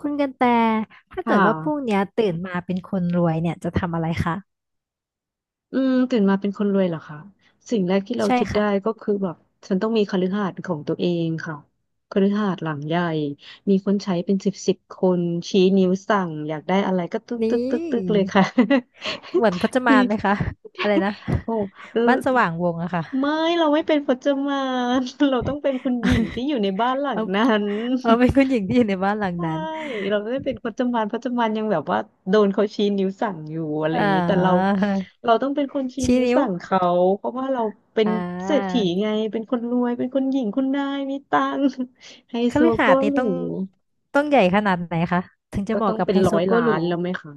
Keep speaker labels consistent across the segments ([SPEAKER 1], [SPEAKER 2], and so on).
[SPEAKER 1] คุณกันแต่ถ้า
[SPEAKER 2] ค่
[SPEAKER 1] เกิดว่าพรุ่ง
[SPEAKER 2] ะ
[SPEAKER 1] เนี้ยตื่นมาเป็นคนรวยเนี่ยจะทำอะไรคะ
[SPEAKER 2] ตื่นมาเป็นคนรวยเหรอคะสิ่งแรกที่เรา
[SPEAKER 1] ใช่
[SPEAKER 2] คิดได้
[SPEAKER 1] ค่ะ
[SPEAKER 2] ก็คือแบบฉันต้องมีคฤหาสน์ของตัวเองค่ะคฤหาสน์หลังใหญ่มีคนใช้เป็นสิบสิบคน ชี้นิ้วสั่งอยากได้อะไรก็ตึ๊กตึ๊
[SPEAKER 1] นี่
[SPEAKER 2] กตึ๊กตึ๊กเลยค่ะ
[SPEAKER 1] เหมือนพจ มา
[SPEAKER 2] นี่
[SPEAKER 1] นไหมคะอะไรนะ
[SPEAKER 2] โอ้
[SPEAKER 1] บ้านสว่างวงอะค่ะ
[SPEAKER 2] ไม่เราไม่เป็นพจมาน เราต้องเป็นคุณหญิงที่ อยู่ในบ้านหลัง
[SPEAKER 1] เอา
[SPEAKER 2] นั้น
[SPEAKER 1] เอาเป็นคุณหญิงที่อยู่ในบ้านหลัง
[SPEAKER 2] ใช่
[SPEAKER 1] นั้น
[SPEAKER 2] เราไม่ได้เป็นพจมานพจมานยังแบบว่าโดนเขาชี้นิ้วสั่งอยู่อะไรอ
[SPEAKER 1] เอ่
[SPEAKER 2] ย่างนี้แต่เรา
[SPEAKER 1] อ
[SPEAKER 2] เราต้องเป็นคนชี้
[SPEAKER 1] ชี้
[SPEAKER 2] นิ้ว
[SPEAKER 1] นิ้ว
[SPEAKER 2] สั่งเขาเพราะว่าเราเป็น
[SPEAKER 1] อ่
[SPEAKER 2] เศรษฐี
[SPEAKER 1] า
[SPEAKER 2] ไงเป็นคนรวยเป็นคนหญิงคุณนายมีตังค์ ไฮ
[SPEAKER 1] ค
[SPEAKER 2] โซ
[SPEAKER 1] ฤหา
[SPEAKER 2] โก็
[SPEAKER 1] สน์นี่
[SPEAKER 2] หรู
[SPEAKER 1] ต้องต้องใหญ่ขนาดไหนคะถึงจะ
[SPEAKER 2] ก็
[SPEAKER 1] เห
[SPEAKER 2] ต้
[SPEAKER 1] มาะ
[SPEAKER 2] อง
[SPEAKER 1] กับ
[SPEAKER 2] เป็น
[SPEAKER 1] ไฮ
[SPEAKER 2] ร้
[SPEAKER 1] โซ
[SPEAKER 2] อย
[SPEAKER 1] โก
[SPEAKER 2] ล้า
[SPEAKER 1] หรู
[SPEAKER 2] นแล้วไหมคะ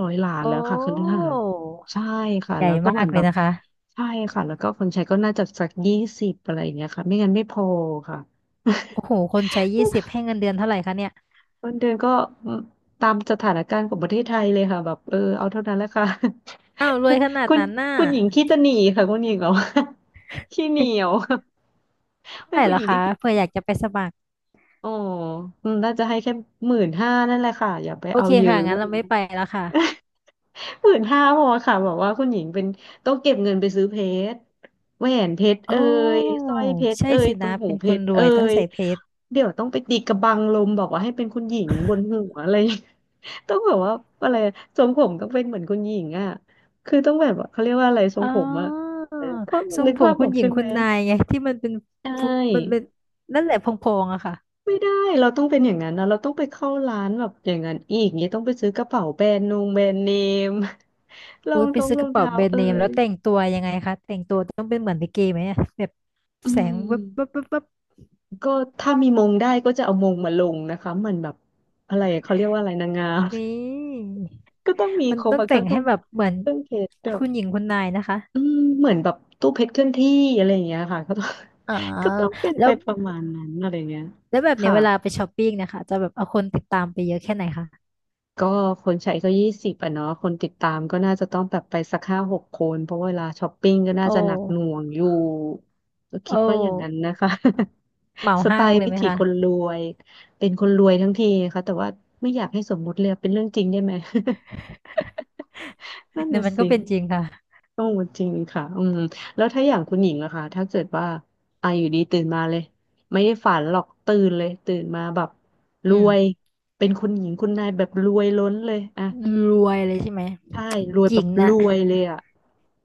[SPEAKER 2] ร้อยล้านแล้
[SPEAKER 1] โอ้
[SPEAKER 2] วค่ะคฤหาสน์ใช่ค่ะ
[SPEAKER 1] ใหญ่
[SPEAKER 2] แล้วก็เห
[SPEAKER 1] มา
[SPEAKER 2] มือ
[SPEAKER 1] ก
[SPEAKER 2] น
[SPEAKER 1] เล
[SPEAKER 2] แบ
[SPEAKER 1] ย
[SPEAKER 2] บ
[SPEAKER 1] นะคะ
[SPEAKER 2] ใช่ค่ะแล้วก็คนใช้ก็น่าจะสักยี่สิบอะไรอย่างเงี้ยค่ะไม่งั้นไม่พอค่ะ
[SPEAKER 1] โอ้โหคนใช้20ให้เงินเดือนเท่าไหร่คะเนี่ย
[SPEAKER 2] เงินเดือนก็มตามสถานการณ์ของประเทศไทยเลยค่ะแบบเออเอาเท่านั้นแหละค่ะ
[SPEAKER 1] อ้าวรวยขนา ด
[SPEAKER 2] คุณ
[SPEAKER 1] นั้นน่ะ
[SPEAKER 2] คุณหญิงขี้ตะหนีค่ะคุณหญิงเหรอ ขี้เหนียว
[SPEAKER 1] เท่า
[SPEAKER 2] ไม่
[SPEAKER 1] ไหร่
[SPEAKER 2] คุณ
[SPEAKER 1] เหร
[SPEAKER 2] ห
[SPEAKER 1] อ
[SPEAKER 2] ญิง
[SPEAKER 1] คะ
[SPEAKER 2] ที่ขี้
[SPEAKER 1] เผื่ออยากจะไปสมัคร
[SPEAKER 2] อ๋ออืมน่าจะให้แค่หมื่นห้านั่นแหละค่ะอย่าไป
[SPEAKER 1] โอ
[SPEAKER 2] เอา
[SPEAKER 1] เค
[SPEAKER 2] เย
[SPEAKER 1] ค่ะ
[SPEAKER 2] อะอะ
[SPEAKER 1] งั้
[SPEAKER 2] ไร
[SPEAKER 1] นเราไม่
[SPEAKER 2] เงี้ย
[SPEAKER 1] ไปแล้วค่ะ
[SPEAKER 2] หมื่นห้าพอค่ะบอกว่าคุณหญิงเป็นต้องเก็บเงินไปซื้อเพชรแหวนเพชรเอ่
[SPEAKER 1] โอ้
[SPEAKER 2] ยสร้อยเพชร
[SPEAKER 1] ใช่
[SPEAKER 2] เอ่ย
[SPEAKER 1] สิ
[SPEAKER 2] ตร
[SPEAKER 1] นะ
[SPEAKER 2] งหู
[SPEAKER 1] เป็น
[SPEAKER 2] เพ
[SPEAKER 1] คน
[SPEAKER 2] ชร
[SPEAKER 1] ร
[SPEAKER 2] เอ่
[SPEAKER 1] วยต้อง
[SPEAKER 2] ย
[SPEAKER 1] ใส่เพชร
[SPEAKER 2] เดี๋ยวต้องไปตีกระบังลมบอกว่าให้เป็นคุณหญิงบนหัวอะไร ต้องแบบว่าอะไรทรงผมต้องเป็นเหมือนคุณหญิงอ่ะคือต้องแบบว่าเขาเรียกว่าอะไรทรง
[SPEAKER 1] อ๋อ
[SPEAKER 2] ผมอ่ะเขา
[SPEAKER 1] ทร
[SPEAKER 2] นึ
[SPEAKER 1] ง
[SPEAKER 2] ก
[SPEAKER 1] ผม
[SPEAKER 2] ภาพ
[SPEAKER 1] คุ
[SPEAKER 2] ออ
[SPEAKER 1] ณ
[SPEAKER 2] ก
[SPEAKER 1] หญิ
[SPEAKER 2] ใช่
[SPEAKER 1] ง
[SPEAKER 2] ไห
[SPEAKER 1] คุ
[SPEAKER 2] ม
[SPEAKER 1] ณนายไงที่มันเป็น
[SPEAKER 2] ใช
[SPEAKER 1] ฟุมันเป็
[SPEAKER 2] ่
[SPEAKER 1] นนั่นแหละพองๆอะค่ะ
[SPEAKER 2] ไม่ได้เราต้องเป็นอย่างนั้นนะเราต้องไปเข้าร้านแบบอย่างนั้นอีกเนี่ยต้องไปซื้อกระเป๋าแบรนด์เนม รอ
[SPEAKER 1] อุ้ย
[SPEAKER 2] ง
[SPEAKER 1] ไป
[SPEAKER 2] ท้อง
[SPEAKER 1] ซื้อ
[SPEAKER 2] ร
[SPEAKER 1] ก
[SPEAKER 2] อง
[SPEAKER 1] ระเป๋า
[SPEAKER 2] เท้า
[SPEAKER 1] แบรนด์
[SPEAKER 2] เอ่
[SPEAKER 1] เนม
[SPEAKER 2] ย
[SPEAKER 1] แล้วแต่งตัวยังไงคะแต่งตัวต้องเป็นเหมือนลิเกไหมอะแบบ
[SPEAKER 2] อื
[SPEAKER 1] แสงวับวับ
[SPEAKER 2] ม
[SPEAKER 1] วับวับ
[SPEAKER 2] ก็ถ้ามีมงได้ก็จะเอามงมาลงนะคะมันแบบอะไรเขาเรียกว่าอะไรนางงาม
[SPEAKER 1] นี่
[SPEAKER 2] ก็ต้องมี
[SPEAKER 1] มัน
[SPEAKER 2] ครบ
[SPEAKER 1] ต้อง
[SPEAKER 2] อะค่ะ
[SPEAKER 1] แต่ง
[SPEAKER 2] เครื่
[SPEAKER 1] ให้
[SPEAKER 2] อง
[SPEAKER 1] แบบเหมือน
[SPEAKER 2] เครื่องเพชรแบ
[SPEAKER 1] คุณห
[SPEAKER 2] บ
[SPEAKER 1] ญิงคุณนายนะคะ
[SPEAKER 2] อืมเหมือนแบบตู้เพชรเคลื่อนที่อะไรอย่างเงี้ยค่ะก็ต้อง
[SPEAKER 1] อ๋อ
[SPEAKER 2] ก็ต้องเป็น
[SPEAKER 1] แล้
[SPEAKER 2] ไป
[SPEAKER 1] ว
[SPEAKER 2] ประมาณนั้นอะไรอย่างเงี้ย
[SPEAKER 1] แล้วแบบเนี้ย
[SPEAKER 2] ค่ะ
[SPEAKER 1] เวลาไปช้อปปิ้งนะคะจะแบบเอาคนติดตามไปเยอะแค่ไหนคะ
[SPEAKER 2] ก็คนใช้ก็20อ่ะเนาะคนติดตามก็น่าจะต้องแบบไปสัก5-6คนเพราะเวลาช้อปปิ้งก็น่า
[SPEAKER 1] โอ
[SPEAKER 2] จะหนักหน่
[SPEAKER 1] ้
[SPEAKER 2] วงอยู่ก็
[SPEAKER 1] โอ
[SPEAKER 2] คิดว่าอย่างนั้น
[SPEAKER 1] ้
[SPEAKER 2] นะคะ
[SPEAKER 1] เหมา
[SPEAKER 2] สไต
[SPEAKER 1] ห้าง
[SPEAKER 2] ล์
[SPEAKER 1] เลย
[SPEAKER 2] วิ
[SPEAKER 1] ไหม
[SPEAKER 2] ถีคน
[SPEAKER 1] คะ
[SPEAKER 2] รวยเป็นคนรวยทั้งทีนะคะแต่ว่าไม่อยากให้สมมุติเลยเป็นเรื่องจริงได้ไหม นั่น
[SPEAKER 1] เนี่ยว
[SPEAKER 2] น่ะ
[SPEAKER 1] มันก็
[SPEAKER 2] สิ
[SPEAKER 1] เป็นจริงค่ะ
[SPEAKER 2] ต้องจริงค่ะอืมแล้วถ้าอย่างคุณหญิงอะค่ะถ้าเกิดว่าอ่ะอยู่ดีตื่นมาเลยไม่ได้ฝันหรอกตื่นเลยตื่นมาแบบร
[SPEAKER 1] อื
[SPEAKER 2] วย
[SPEAKER 1] ม
[SPEAKER 2] เป็นคุณหญิงคุณนายแบบรวยล้นเลยอะ
[SPEAKER 1] รวยเลยใช่ไหม
[SPEAKER 2] ใช่รวย
[SPEAKER 1] ห
[SPEAKER 2] แบ
[SPEAKER 1] ญิ
[SPEAKER 2] บ
[SPEAKER 1] ง
[SPEAKER 2] ร
[SPEAKER 1] น่ะ
[SPEAKER 2] วยเลยอ่ะ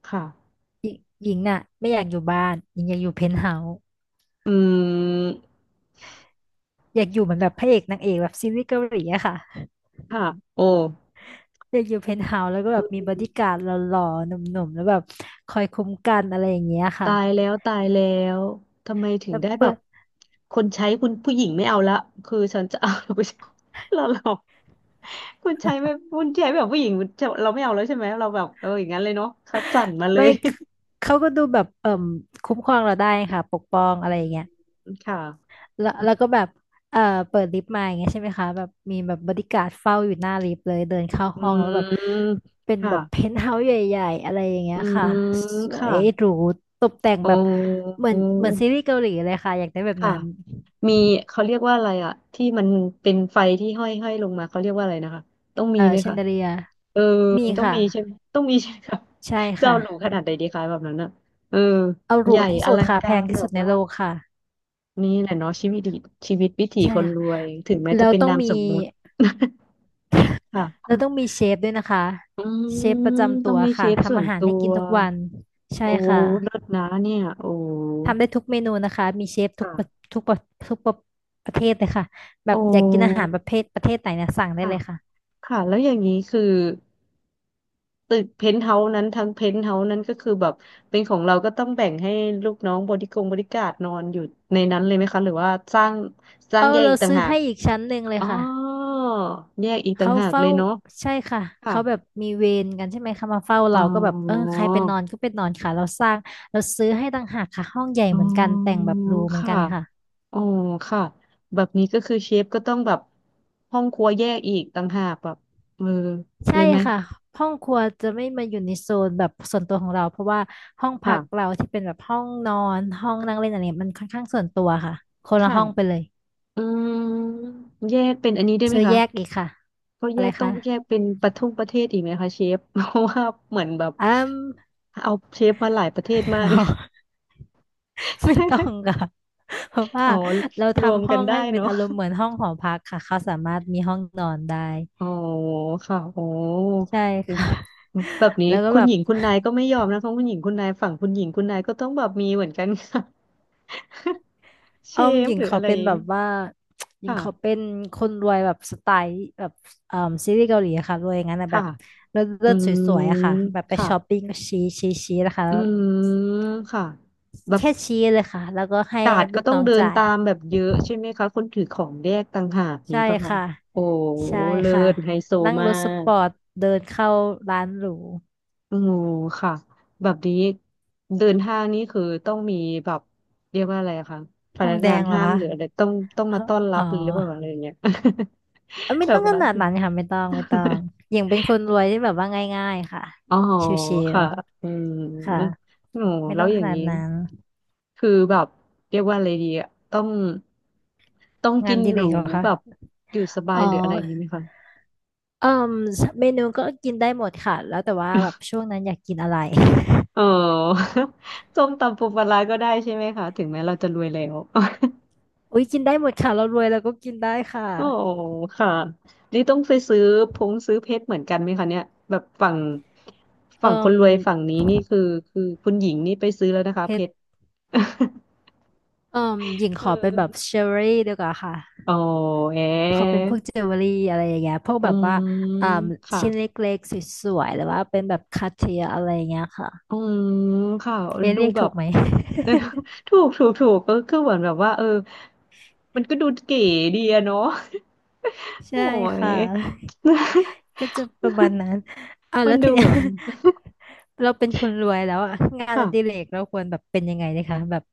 [SPEAKER 2] ค่ะ
[SPEAKER 1] หญิงหญิงน่ะไม่อยากอยู่บ้านหญิงอยากอยู่เพนท์เฮาส์
[SPEAKER 2] อืม
[SPEAKER 1] อยากอยู่เหมือนแบบพระเอกนางเอกแบบซีรีส์เกาหลีอะค่ะ
[SPEAKER 2] ค่ะโอ้
[SPEAKER 1] อยากอยู่เพนท์เฮาส์แล้วก็แบบมีบอดี้การ์ดหล่อๆหนุ่มๆแล้วแบบคอยคุ้มกันอะไรอย่างเงี้ยค่ะ
[SPEAKER 2] ตายแล้วตายแล้วทำไมถึง
[SPEAKER 1] แล้ว
[SPEAKER 2] ได้แบ
[SPEAKER 1] เปิ
[SPEAKER 2] บ
[SPEAKER 1] ด
[SPEAKER 2] คนใช้คุณผู้หญิงไม่เอาละคือฉันจะเอาผู้ชายเราคนใช้ ไม่คุณใช้แบบผู้หญิงเราไม่เอาแล้วใช่ไหมเราแบบเอออย่างนั้นเลยเนาะคัดสรรมาเล
[SPEAKER 1] ไม่
[SPEAKER 2] ย
[SPEAKER 1] เขาก็ดูแบบเอ่มคุ้มครองเราได้ค่ะปกป้อง อะ
[SPEAKER 2] อื
[SPEAKER 1] ไรอย่างเงี้ย
[SPEAKER 2] มค่ะ
[SPEAKER 1] แล้วแล้วก็แบบเอ่อเปิดลิฟต์มาอย่างเงี้ยใช่ไหมคะแบบมีแบบบอดี้การ์ดเฝ้าอยู่หน้าลิฟต์เลยเดินเข้า
[SPEAKER 2] อื
[SPEAKER 1] ห้องแล้วแบบ
[SPEAKER 2] ม
[SPEAKER 1] เป็น
[SPEAKER 2] ค่ะ
[SPEAKER 1] แบบเพนท์เฮาส์ใหญ่ๆอะไรอย่างเงี้
[SPEAKER 2] อื
[SPEAKER 1] ยค่ะ
[SPEAKER 2] ม
[SPEAKER 1] สว
[SPEAKER 2] ค่ะ
[SPEAKER 1] ยหรูตกแต่ง
[SPEAKER 2] อ๋อ
[SPEAKER 1] แบบเหมือนเหมือนซีรีส์เกาหลีเลยค่ะอยากได้แบบ
[SPEAKER 2] ค่ะ
[SPEAKER 1] นั้น
[SPEAKER 2] มีเขาเรียกว่าอะไรอะที่มันเป็นไฟที่ห้อยห้อยลงมาเขาเรียกว่าอะไรนะคะต้องมีไหม
[SPEAKER 1] แชน
[SPEAKER 2] คะ
[SPEAKER 1] เดเลีย
[SPEAKER 2] เออ
[SPEAKER 1] มี
[SPEAKER 2] ต้อง
[SPEAKER 1] ค่ะ
[SPEAKER 2] มีใช่ไหมต้องมีใช่ไหมคะ
[SPEAKER 1] ใช่
[SPEAKER 2] จะ
[SPEAKER 1] ค่ะ
[SPEAKER 2] เอาหรูขนาดไหนดีคะแบบนั้นอะเออ
[SPEAKER 1] เอาห
[SPEAKER 2] ให
[SPEAKER 1] รู
[SPEAKER 2] ญ่
[SPEAKER 1] ที่
[SPEAKER 2] อ
[SPEAKER 1] สุด
[SPEAKER 2] ลัง
[SPEAKER 1] ค่ะแพ
[SPEAKER 2] กา
[SPEAKER 1] ง
[SPEAKER 2] ร
[SPEAKER 1] ที่
[SPEAKER 2] แบ
[SPEAKER 1] สุด
[SPEAKER 2] บ
[SPEAKER 1] ใน
[SPEAKER 2] ว่า
[SPEAKER 1] โลกค่ะ
[SPEAKER 2] นี่แหละเนาะชีวิตดีชีวิตวิถี
[SPEAKER 1] ใช่
[SPEAKER 2] คน
[SPEAKER 1] ค่ะ
[SPEAKER 2] รวยถึงแม้
[SPEAKER 1] แล้
[SPEAKER 2] จะ
[SPEAKER 1] ว
[SPEAKER 2] เป็น
[SPEAKER 1] ต้อง
[SPEAKER 2] นาม
[SPEAKER 1] มี
[SPEAKER 2] สมมุติ ค่ะ
[SPEAKER 1] แล้วต้องมีเชฟด้วยนะคะ
[SPEAKER 2] อื
[SPEAKER 1] เชฟประ
[SPEAKER 2] ม
[SPEAKER 1] จำ
[SPEAKER 2] ต้อ
[SPEAKER 1] ตั
[SPEAKER 2] ง
[SPEAKER 1] ว
[SPEAKER 2] มีเช
[SPEAKER 1] ค่ะ
[SPEAKER 2] ฟส่
[SPEAKER 1] ทำ
[SPEAKER 2] วน
[SPEAKER 1] อาหาร
[SPEAKER 2] ตั
[SPEAKER 1] ให้
[SPEAKER 2] ว
[SPEAKER 1] กินทุกวันใช่
[SPEAKER 2] โอ้
[SPEAKER 1] ค่ะ
[SPEAKER 2] เลิศนะเนี่ยโอ้
[SPEAKER 1] ทำได้ทุกเมนูนะคะมีเชฟทุ
[SPEAKER 2] ค่ะ
[SPEAKER 1] กประทุกประทุกประประเทศเลยค่ะแบ
[SPEAKER 2] โอ้
[SPEAKER 1] บอยากกินอาหารประเภทประเทศไหนเนี่ยสั่งได้
[SPEAKER 2] ค่ะ
[SPEAKER 1] เลยค่ะ
[SPEAKER 2] ค่ะแล้วอย่างนี้คือ ตึกเพนท์เฮาส์นั้นทั้งเพนท์เฮาส์นั้นก็คือแบบเป็นของเราก็ต้องแบ่งให้ลูกน้องบริการนอนอยู่ในนั้นเลยไหมคะหรือว่าสร้าง
[SPEAKER 1] เอา
[SPEAKER 2] แยกอี
[SPEAKER 1] เรา
[SPEAKER 2] กต่าง
[SPEAKER 1] ซื้อ
[SPEAKER 2] หาก
[SPEAKER 1] ให้อีกชั้นหนึ่งเลย
[SPEAKER 2] อ๋อ
[SPEAKER 1] ค่ะ
[SPEAKER 2] แยกอีกต่าง
[SPEAKER 1] เขา
[SPEAKER 2] หากเล
[SPEAKER 1] เฝ้า
[SPEAKER 2] ยเนาะ
[SPEAKER 1] ใช่ค่ะ
[SPEAKER 2] ค่ะ
[SPEAKER 1] เขาแบบมีเวรกันใช่ไหมคะมาเฝ้า
[SPEAKER 2] อ๋
[SPEAKER 1] เราก็แบบเออ
[SPEAKER 2] อ
[SPEAKER 1] ใครไปนอนก็ไปนอนค่ะเราสร้างเราซื้อให้ต่างหากค่ะห้องใหญ่
[SPEAKER 2] อ๋
[SPEAKER 1] เหมือนกันแต่
[SPEAKER 2] อ
[SPEAKER 1] งแบบหรูเหมือน
[SPEAKER 2] ค่ะ
[SPEAKER 1] กันค่ะ
[SPEAKER 2] อ๋อค่ะแบบนี้ก็คือเชฟก็ต้องแบบห้องครัวแยกอีกต่างหากแบบเออเล
[SPEAKER 1] ใช่
[SPEAKER 2] ยไหม
[SPEAKER 1] ค่ะห้องครัวจะไม่มาอยู่ในโซนแบบส่วนตัวของเราเพราะว่าห้องพักเรา
[SPEAKER 2] ค่ะ
[SPEAKER 1] ที่เป็นแบบห้องนอนห้องนั่งเล่นอะไรเนี่ยมันค่อนข้างส่วนตัวค่ะคนละ
[SPEAKER 2] ค่ะ
[SPEAKER 1] ห้องไปเลย
[SPEAKER 2] อืมแยกเป็นอันนี้ได้ไหม
[SPEAKER 1] ซื้อ
[SPEAKER 2] คะ
[SPEAKER 1] แยกอีกค่ะ
[SPEAKER 2] ก็
[SPEAKER 1] อะ
[SPEAKER 2] แย
[SPEAKER 1] ไร
[SPEAKER 2] กต้อ
[SPEAKER 1] คะ
[SPEAKER 2] งแยกเป็นประเทศอีกไหมคะเชฟ เพราะว่าเหมือนแบบ
[SPEAKER 1] อืม
[SPEAKER 2] เอาเชฟมาหลายประเทศมาก
[SPEAKER 1] ไม่ต้อ งค่ะ เพราะว่า
[SPEAKER 2] อ๋อ
[SPEAKER 1] เรา
[SPEAKER 2] รวม
[SPEAKER 1] ทำห้
[SPEAKER 2] กั
[SPEAKER 1] อ
[SPEAKER 2] น
[SPEAKER 1] ง
[SPEAKER 2] ได้
[SPEAKER 1] ให้เป็น
[SPEAKER 2] เนาะ
[SPEAKER 1] อารมณ์เหมือนห้องหอพักค่ะเขาสามารถมีห้องนอนได้
[SPEAKER 2] อ๋อค่ะโอ้
[SPEAKER 1] ใช่ค่ะ
[SPEAKER 2] แบบ นี้
[SPEAKER 1] แล้วก็
[SPEAKER 2] คุ
[SPEAKER 1] แบ
[SPEAKER 2] ณ
[SPEAKER 1] บ
[SPEAKER 2] หญิงคุณนายก็ไม่ยอมนะคะคุณหญิงคุณนายฝั่งคุณหญิงคุณนายก็ต้องแบบมีเหมือนกันค่ะ เช
[SPEAKER 1] เออมห
[SPEAKER 2] ฟ
[SPEAKER 1] ญิง
[SPEAKER 2] หรือ
[SPEAKER 1] เขา
[SPEAKER 2] อะไร
[SPEAKER 1] เป็นแบบว่า หญิงเขา
[SPEAKER 2] ค่ะ
[SPEAKER 1] เป็นคนรวยแบบสไตล์แบบเอ่อซีรีส์เกาหลีอะค่ะรวยอย่างนั้นนะแบ
[SPEAKER 2] ค่ะ
[SPEAKER 1] บเลิศ
[SPEAKER 2] อื
[SPEAKER 1] เลิศสวยๆอะค่ะ
[SPEAKER 2] ม
[SPEAKER 1] แบบไป
[SPEAKER 2] ค่ะ
[SPEAKER 1] ช้อปปิ้งก็ชี้ชี้ชี้นะคะ
[SPEAKER 2] อืมค่ะแบบ
[SPEAKER 1] แค่ชี้เลยค่ะแล้วก็ให้
[SPEAKER 2] กาดก็
[SPEAKER 1] ลูก
[SPEAKER 2] ต้อง
[SPEAKER 1] น้อง
[SPEAKER 2] เดิน
[SPEAKER 1] จ่าย
[SPEAKER 2] ตามแบบเยอะใช่ไหมคะคนถือของแยกต่างหากนี้
[SPEAKER 1] ใช่
[SPEAKER 2] ปะคะ
[SPEAKER 1] ค่ะ
[SPEAKER 2] โอ้
[SPEAKER 1] ใช่
[SPEAKER 2] เลิ
[SPEAKER 1] ค่ะ
[SPEAKER 2] ศไฮโซ
[SPEAKER 1] นั่ง
[SPEAKER 2] มา
[SPEAKER 1] รถส
[SPEAKER 2] ก
[SPEAKER 1] ปอร์ตเดินเข้าร้านหรู
[SPEAKER 2] โอ้ค่ะแบบนี้เดินห้างนี่คือต้องมีแบบเรียกว่าอะไรอะคะพ
[SPEAKER 1] พร
[SPEAKER 2] นั
[SPEAKER 1] ม
[SPEAKER 2] ก
[SPEAKER 1] แด
[SPEAKER 2] งาน
[SPEAKER 1] งเหรอ
[SPEAKER 2] ห้าง
[SPEAKER 1] คะ
[SPEAKER 2] หรืออะไรต้องมาต้อนรั
[SPEAKER 1] อ๋
[SPEAKER 2] บ
[SPEAKER 1] อ
[SPEAKER 2] หรือเปล่าอะไรอย่างเงี้ย
[SPEAKER 1] เอ้ย ไม่
[SPEAKER 2] แบ
[SPEAKER 1] ต้
[SPEAKER 2] บ
[SPEAKER 1] องข
[SPEAKER 2] ว่า
[SPEAKER 1] นาดนั้นค่ะไม่ต้องไม่ต้องอย่างเป็นคนรวยที่แบบว่าง่ายๆค่ะ
[SPEAKER 2] อ๋อ
[SPEAKER 1] ชิว
[SPEAKER 2] ค่ะอืม
[SPEAKER 1] ๆค่ะ
[SPEAKER 2] โอ้
[SPEAKER 1] ไม่
[SPEAKER 2] แล้
[SPEAKER 1] ต้อ
[SPEAKER 2] ว
[SPEAKER 1] ง
[SPEAKER 2] อ
[SPEAKER 1] ข
[SPEAKER 2] ย่าง
[SPEAKER 1] นาด
[SPEAKER 2] นี้
[SPEAKER 1] นั้น
[SPEAKER 2] คือแบบเรียกว่าอะไรดีอะต้อง
[SPEAKER 1] งา
[SPEAKER 2] กิ
[SPEAKER 1] น
[SPEAKER 2] น
[SPEAKER 1] อดีเล
[SPEAKER 2] ห
[SPEAKER 1] ก
[SPEAKER 2] รู
[SPEAKER 1] เหรอคะ
[SPEAKER 2] แบบอยู่สบา
[SPEAKER 1] อ๋
[SPEAKER 2] ย
[SPEAKER 1] อ
[SPEAKER 2] หรืออะไรอย่างนี้ไหมคะ
[SPEAKER 1] เอ่มเมนูก็กินได้หมดค่ะแล้วแต่ว่าแบบช่วงนั้นอยากกินอะไร
[SPEAKER 2] อ๋อ ส้มตำปูปลาร้าก็ได้ใช่ไหมคะถึงแม้เราจะรวยแล้ว
[SPEAKER 1] อุ้ยกินได้หมดค่ะเรารวยเราก็กินได้ค่ะ
[SPEAKER 2] โอ้ค่ะนี่ต้องไปซื้อพงซื้อเพชรเหมือนกันไหมคะเนี่ยแบบฝั่ง
[SPEAKER 1] เอ่
[SPEAKER 2] ฝั่งคน
[SPEAKER 1] ม
[SPEAKER 2] รวยฝั่งนี้นี่คือคือคุณหญิงนี่ไปซื้อแล้วนะคะ
[SPEAKER 1] เผ็
[SPEAKER 2] เพ
[SPEAKER 1] ด
[SPEAKER 2] ชร
[SPEAKER 1] เอ่อห ญิงข
[SPEAKER 2] เอ
[SPEAKER 1] อเป็นแบบ
[SPEAKER 2] อ
[SPEAKER 1] เจว e รี่ดีกว่าค่ะ
[SPEAKER 2] อ๋อแห
[SPEAKER 1] ขอเป็น
[SPEAKER 2] ม
[SPEAKER 1] พวกเจว e รี่อะไรอย่างเงี้ยพวก
[SPEAKER 2] อื
[SPEAKER 1] แบบ
[SPEAKER 2] ม
[SPEAKER 1] ว่าอ่า
[SPEAKER 2] ค่ะ
[SPEAKER 1] ชิ้นเล็กๆสวยๆหรือว่าเป็นแบบคาเทียอะไรอย่างเงี้ยค่ะ
[SPEAKER 2] อืมค่ะ
[SPEAKER 1] เอะ
[SPEAKER 2] ดู
[SPEAKER 1] เรียก
[SPEAKER 2] แบ
[SPEAKER 1] ถู
[SPEAKER 2] บ
[SPEAKER 1] กไหม
[SPEAKER 2] ถูกถูกถูกก็คือเหมือนแบบว่าเออมันก็ดูเก๋ดีอะเนาะ โอ้
[SPEAKER 1] ใช่
[SPEAKER 2] ย
[SPEAKER 1] ค่ะก็ จะประมาณนั้น
[SPEAKER 2] มั
[SPEAKER 1] แล้
[SPEAKER 2] น
[SPEAKER 1] วที
[SPEAKER 2] ดู
[SPEAKER 1] เนี้
[SPEAKER 2] แบ
[SPEAKER 1] ย
[SPEAKER 2] บ
[SPEAKER 1] เราเป็นคนรวยแล้วอะงานอดิเร
[SPEAKER 2] ค่ะ
[SPEAKER 1] กเราควรแบบเป็นยังไงดีคะแบบ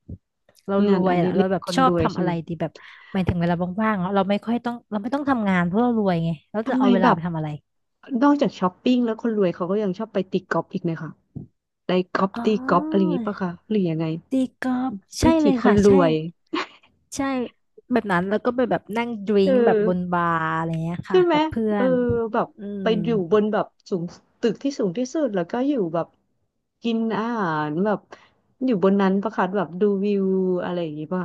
[SPEAKER 1] เราร
[SPEAKER 2] งาน
[SPEAKER 1] ว
[SPEAKER 2] อ
[SPEAKER 1] ย
[SPEAKER 2] ดิ
[SPEAKER 1] ละ
[SPEAKER 2] เร
[SPEAKER 1] เรา
[SPEAKER 2] ก
[SPEAKER 1] แบบ
[SPEAKER 2] คน
[SPEAKER 1] ชอ
[SPEAKER 2] ร
[SPEAKER 1] บ
[SPEAKER 2] วย
[SPEAKER 1] ทำ
[SPEAKER 2] ใช่
[SPEAKER 1] อะ
[SPEAKER 2] ไหม
[SPEAKER 1] ไรดีแบบหมายถึงเวลาว่างๆเนอะเราไม่ค่อยต้องเราไม่ต้องทำงานเพราะเรารวยไงเราจะ
[SPEAKER 2] ทำไม
[SPEAKER 1] เอาเว
[SPEAKER 2] แบ
[SPEAKER 1] ลาไป
[SPEAKER 2] บ
[SPEAKER 1] ทำอะไร
[SPEAKER 2] นอกจากช้อปปิ้งแล้วคนรวยเขาก็ยังชอบไปตีกอล์ฟอีกเลยค่ะไปกอล์ฟ
[SPEAKER 1] อ๋
[SPEAKER 2] ตีกอล์ฟอะไรอย่าง
[SPEAKER 1] อ
[SPEAKER 2] งี้ปะคะหรือยังไง
[SPEAKER 1] ตีกอล์ฟ
[SPEAKER 2] วิ
[SPEAKER 1] ใช่เล
[SPEAKER 2] ถี
[SPEAKER 1] ย
[SPEAKER 2] คน
[SPEAKER 1] ค่ะ
[SPEAKER 2] ร
[SPEAKER 1] ใช่
[SPEAKER 2] วย
[SPEAKER 1] ใช่แบบนั้นแล้วก็ไปแบบนั่งดริ
[SPEAKER 2] เออ
[SPEAKER 1] งก์แบบบนบาร์อะไรเงี้ย
[SPEAKER 2] ใช่
[SPEAKER 1] ค่ะ
[SPEAKER 2] ไหม
[SPEAKER 1] กับเพื่อ
[SPEAKER 2] เออ
[SPEAKER 1] น
[SPEAKER 2] แบบ
[SPEAKER 1] อืม
[SPEAKER 2] ไปอยู่บนแบบสูงตึกที่สูงที่สุดแล้วก็อยู่แบบกินอาหารแบบอยู่บนนั้นประคัดแบบดูวิวอะไรอย่างงี้ป่ะ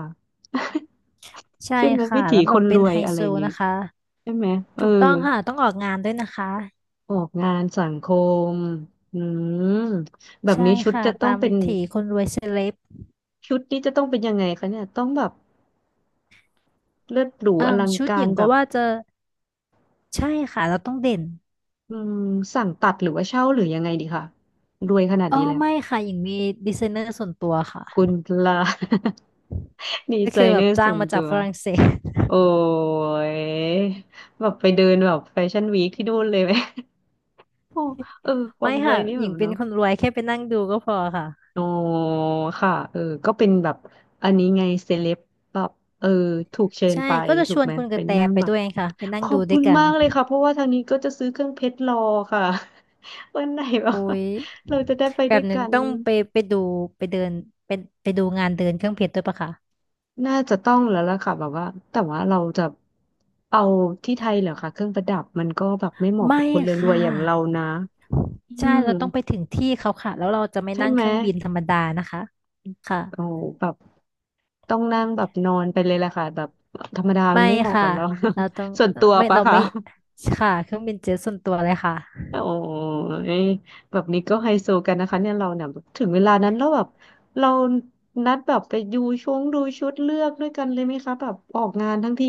[SPEAKER 1] ใช่
[SPEAKER 2] ใช่ไหม
[SPEAKER 1] ค่ะ
[SPEAKER 2] วิถี
[SPEAKER 1] แล้ว
[SPEAKER 2] ค
[SPEAKER 1] แบบ
[SPEAKER 2] นร
[SPEAKER 1] เป็น
[SPEAKER 2] วย
[SPEAKER 1] ไฮ
[SPEAKER 2] อะไร
[SPEAKER 1] โซ
[SPEAKER 2] อย่างงี้
[SPEAKER 1] นะคะ
[SPEAKER 2] ใช่ไหมเออ
[SPEAKER 1] ถูกต้องค่ะต้องออกงานด้วยนะคะ
[SPEAKER 2] ออกงานสังคมอืมแบบ
[SPEAKER 1] ใช่
[SPEAKER 2] นี้ชุด
[SPEAKER 1] ค่ะ
[SPEAKER 2] จะต้
[SPEAKER 1] ตา
[SPEAKER 2] อง
[SPEAKER 1] ม
[SPEAKER 2] เป็
[SPEAKER 1] วิ
[SPEAKER 2] น
[SPEAKER 1] ถีคนรวยเซเลบ
[SPEAKER 2] ชุดนี้จะต้องเป็นยังไงคะเนี่ยต้องแบบเลิศหรูอ
[SPEAKER 1] เอ่ม
[SPEAKER 2] ลัง
[SPEAKER 1] ชุดห
[SPEAKER 2] กา
[SPEAKER 1] ญิ
[SPEAKER 2] ร
[SPEAKER 1] ง
[SPEAKER 2] แบ
[SPEAKER 1] ก็
[SPEAKER 2] บ
[SPEAKER 1] ว่าจะใช่ค่ะเราต้องเด่น
[SPEAKER 2] อืมสั่งตัดหรือว่าเช่าหรือยังไงดีคะรวยขนาด
[SPEAKER 1] อ๋อ
[SPEAKER 2] นี้แล้ว
[SPEAKER 1] ไม่ค่ะหญิงมีดีไซเนอร์ส่วนตัวค่ะ
[SPEAKER 2] คุณพลา ดี
[SPEAKER 1] ก็
[SPEAKER 2] ไซ
[SPEAKER 1] คือแบ
[SPEAKER 2] เนอ
[SPEAKER 1] บ
[SPEAKER 2] ร์
[SPEAKER 1] จ้า
[SPEAKER 2] ส่
[SPEAKER 1] ง
[SPEAKER 2] วน
[SPEAKER 1] มา
[SPEAKER 2] ตั
[SPEAKER 1] จาก
[SPEAKER 2] ว
[SPEAKER 1] ฝรั่งเศส
[SPEAKER 2] โอ้ยแบบไปเดินแบบแฟชั่นวีคที่นู่นเลยไหม โอ้เออควา
[SPEAKER 1] ไม่
[SPEAKER 2] มรว
[SPEAKER 1] ค่ะ
[SPEAKER 2] ยนี่
[SPEAKER 1] ห
[SPEAKER 2] แบ
[SPEAKER 1] ญิง
[SPEAKER 2] บ
[SPEAKER 1] เป็น
[SPEAKER 2] เนาะ
[SPEAKER 1] คนรวยแค่ไปนั่งดูก็พอค่ะ
[SPEAKER 2] โอ้ค่ะเออก็เป็นแบบอันนี้ไงเซเลบแบบเออถูกเชิญ
[SPEAKER 1] ใช่
[SPEAKER 2] ไป
[SPEAKER 1] ก็จะ
[SPEAKER 2] ถู
[SPEAKER 1] ช
[SPEAKER 2] ก
[SPEAKER 1] วน
[SPEAKER 2] ไหม
[SPEAKER 1] คุณก
[SPEAKER 2] เป็
[SPEAKER 1] ระ
[SPEAKER 2] น
[SPEAKER 1] แต
[SPEAKER 2] นั่ง
[SPEAKER 1] ไป
[SPEAKER 2] แบบ
[SPEAKER 1] ด้วยค่ะไปนั่
[SPEAKER 2] ข
[SPEAKER 1] ง
[SPEAKER 2] อ
[SPEAKER 1] ดู
[SPEAKER 2] บ
[SPEAKER 1] ด้
[SPEAKER 2] คุ
[SPEAKER 1] วย
[SPEAKER 2] ณ
[SPEAKER 1] กัน
[SPEAKER 2] มากเลยค่ะเพราะว่าทางนี้ก็จะซื้อเครื่องเพชรรอค่ะ วันไหนแบบ
[SPEAKER 1] โอ้
[SPEAKER 2] ว่า
[SPEAKER 1] ย
[SPEAKER 2] เราจะได้ไป
[SPEAKER 1] แบ
[SPEAKER 2] ด้ว
[SPEAKER 1] บ
[SPEAKER 2] ย
[SPEAKER 1] หนึ่ง
[SPEAKER 2] กัน
[SPEAKER 1] ต้องไปไปดูไปเดินไปไปดูงานเดินเครื่องเพชรด้วยปะคะ
[SPEAKER 2] น่าจะต้องแล้วล่ะค่ะแบบว่าแต่ว่าเราจะเอาที่ไทยเหรอคะเครื่องประดับมันก็แบบไม่เหมาะ
[SPEAKER 1] ไม่
[SPEAKER 2] กับคนรวย
[SPEAKER 1] ค่ะ
[SPEAKER 2] ๆอย่างเรานะอื
[SPEAKER 1] ใช่
[SPEAKER 2] ม
[SPEAKER 1] เราต้องไปถึงที่เขาค่ะแล้วเราจะไม่
[SPEAKER 2] ใช่
[SPEAKER 1] นั่ง
[SPEAKER 2] ไห
[SPEAKER 1] เค
[SPEAKER 2] ม
[SPEAKER 1] รื่องบินธรรมดานะคะค่ะ
[SPEAKER 2] โอ้แบบต้องนั่งแบบนอนไปเลยล่ะค่ะแบบธรรมดามั
[SPEAKER 1] ไม่
[SPEAKER 2] นไม่เหมาะ
[SPEAKER 1] ค่ะ
[SPEAKER 2] กับเรา
[SPEAKER 1] เราต้อง
[SPEAKER 2] ส่วน
[SPEAKER 1] เอ่อ
[SPEAKER 2] ตัว
[SPEAKER 1] ไม่
[SPEAKER 2] ปะ
[SPEAKER 1] เรา
[SPEAKER 2] คะ
[SPEAKER 1] ไม่ค่ะเครื่องบินเจ็ตส่วนตัวเลยค่ะ
[SPEAKER 2] โอ้ยแบบนี้ก็ไฮโซกันนะคะเนี่ยเราเนี่ยถึงเวลานั้นแล้วแบบเรานัดแบบไปดูช่วงดูชุดเลือกด้วยกันเลยไหมคะแบบออกงานทั้งที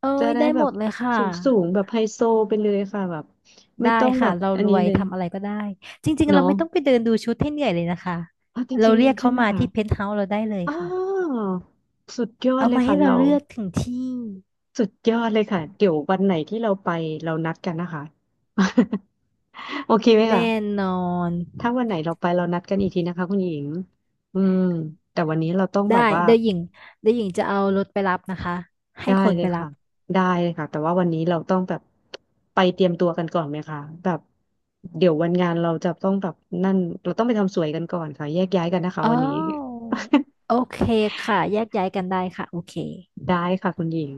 [SPEAKER 1] เอ้
[SPEAKER 2] จะ
[SPEAKER 1] ย
[SPEAKER 2] ได้
[SPEAKER 1] ได้
[SPEAKER 2] แบ
[SPEAKER 1] หม
[SPEAKER 2] บ
[SPEAKER 1] ดเลยค่ะ
[SPEAKER 2] สูงสูงแบบไฮโซไปเลยค่ะแบบไม่
[SPEAKER 1] ได้
[SPEAKER 2] ต้องแบ
[SPEAKER 1] ค่ะ
[SPEAKER 2] บ
[SPEAKER 1] เรา
[SPEAKER 2] อัน
[SPEAKER 1] ร
[SPEAKER 2] นี้
[SPEAKER 1] วย
[SPEAKER 2] เลย
[SPEAKER 1] ทำอะไรก็ได้จริงๆเรา
[SPEAKER 2] เนาะ
[SPEAKER 1] ไม่ต้องไปเดินดูชุดให้เหนื่อยเลยนะคะ
[SPEAKER 2] อ่ะจ
[SPEAKER 1] เรา
[SPEAKER 2] ริง
[SPEAKER 1] เรียก
[SPEAKER 2] ๆใช่
[SPEAKER 1] เขา
[SPEAKER 2] ไหม
[SPEAKER 1] มา
[SPEAKER 2] คะ
[SPEAKER 1] ที่เพนท์เฮาส์เราได้เลย
[SPEAKER 2] อ้า
[SPEAKER 1] ค่ะ
[SPEAKER 2] วสุดยอด
[SPEAKER 1] เอา
[SPEAKER 2] เลย
[SPEAKER 1] มา
[SPEAKER 2] ค่ะ
[SPEAKER 1] ให้เรา
[SPEAKER 2] เรา
[SPEAKER 1] เลือกถึงที่
[SPEAKER 2] สุดยอดเลยค่ะเดี๋ยววันไหนที่เราไปเรานัดกันนะคะ โอเคไหมคะ
[SPEAKER 1] แน่นอน
[SPEAKER 2] ถ้าวันไหนเราไปเรานัดกันอีกทีนะคะคุณหญิงอืมแต่วันนี้เราต้องแบ
[SPEAKER 1] ได้
[SPEAKER 2] บว่า
[SPEAKER 1] เดี๋ยวหญิงเดี๋ยวหญิงจะเอารถไปรับนะคะให้
[SPEAKER 2] ได้
[SPEAKER 1] คน
[SPEAKER 2] เล
[SPEAKER 1] ไป
[SPEAKER 2] ย
[SPEAKER 1] รั
[SPEAKER 2] ค่ะ
[SPEAKER 1] บ
[SPEAKER 2] ได้เลยค่ะ แต่ว่าวันนี้เราต้องแบบไปเตรียมตัวกันก่อนไหมคะแบบเดี๋ยววันงานเราจะต้องแบบนั่นเราต้องไปทำสวยกันก่อนค่ะแยกย้ายกันนะคะ
[SPEAKER 1] อ๋อ
[SPEAKER 2] วันนี้
[SPEAKER 1] โอเคค่ะแยกย้ายกันได้ค่ะโอเค
[SPEAKER 2] ได้ค่ะคุณหญิง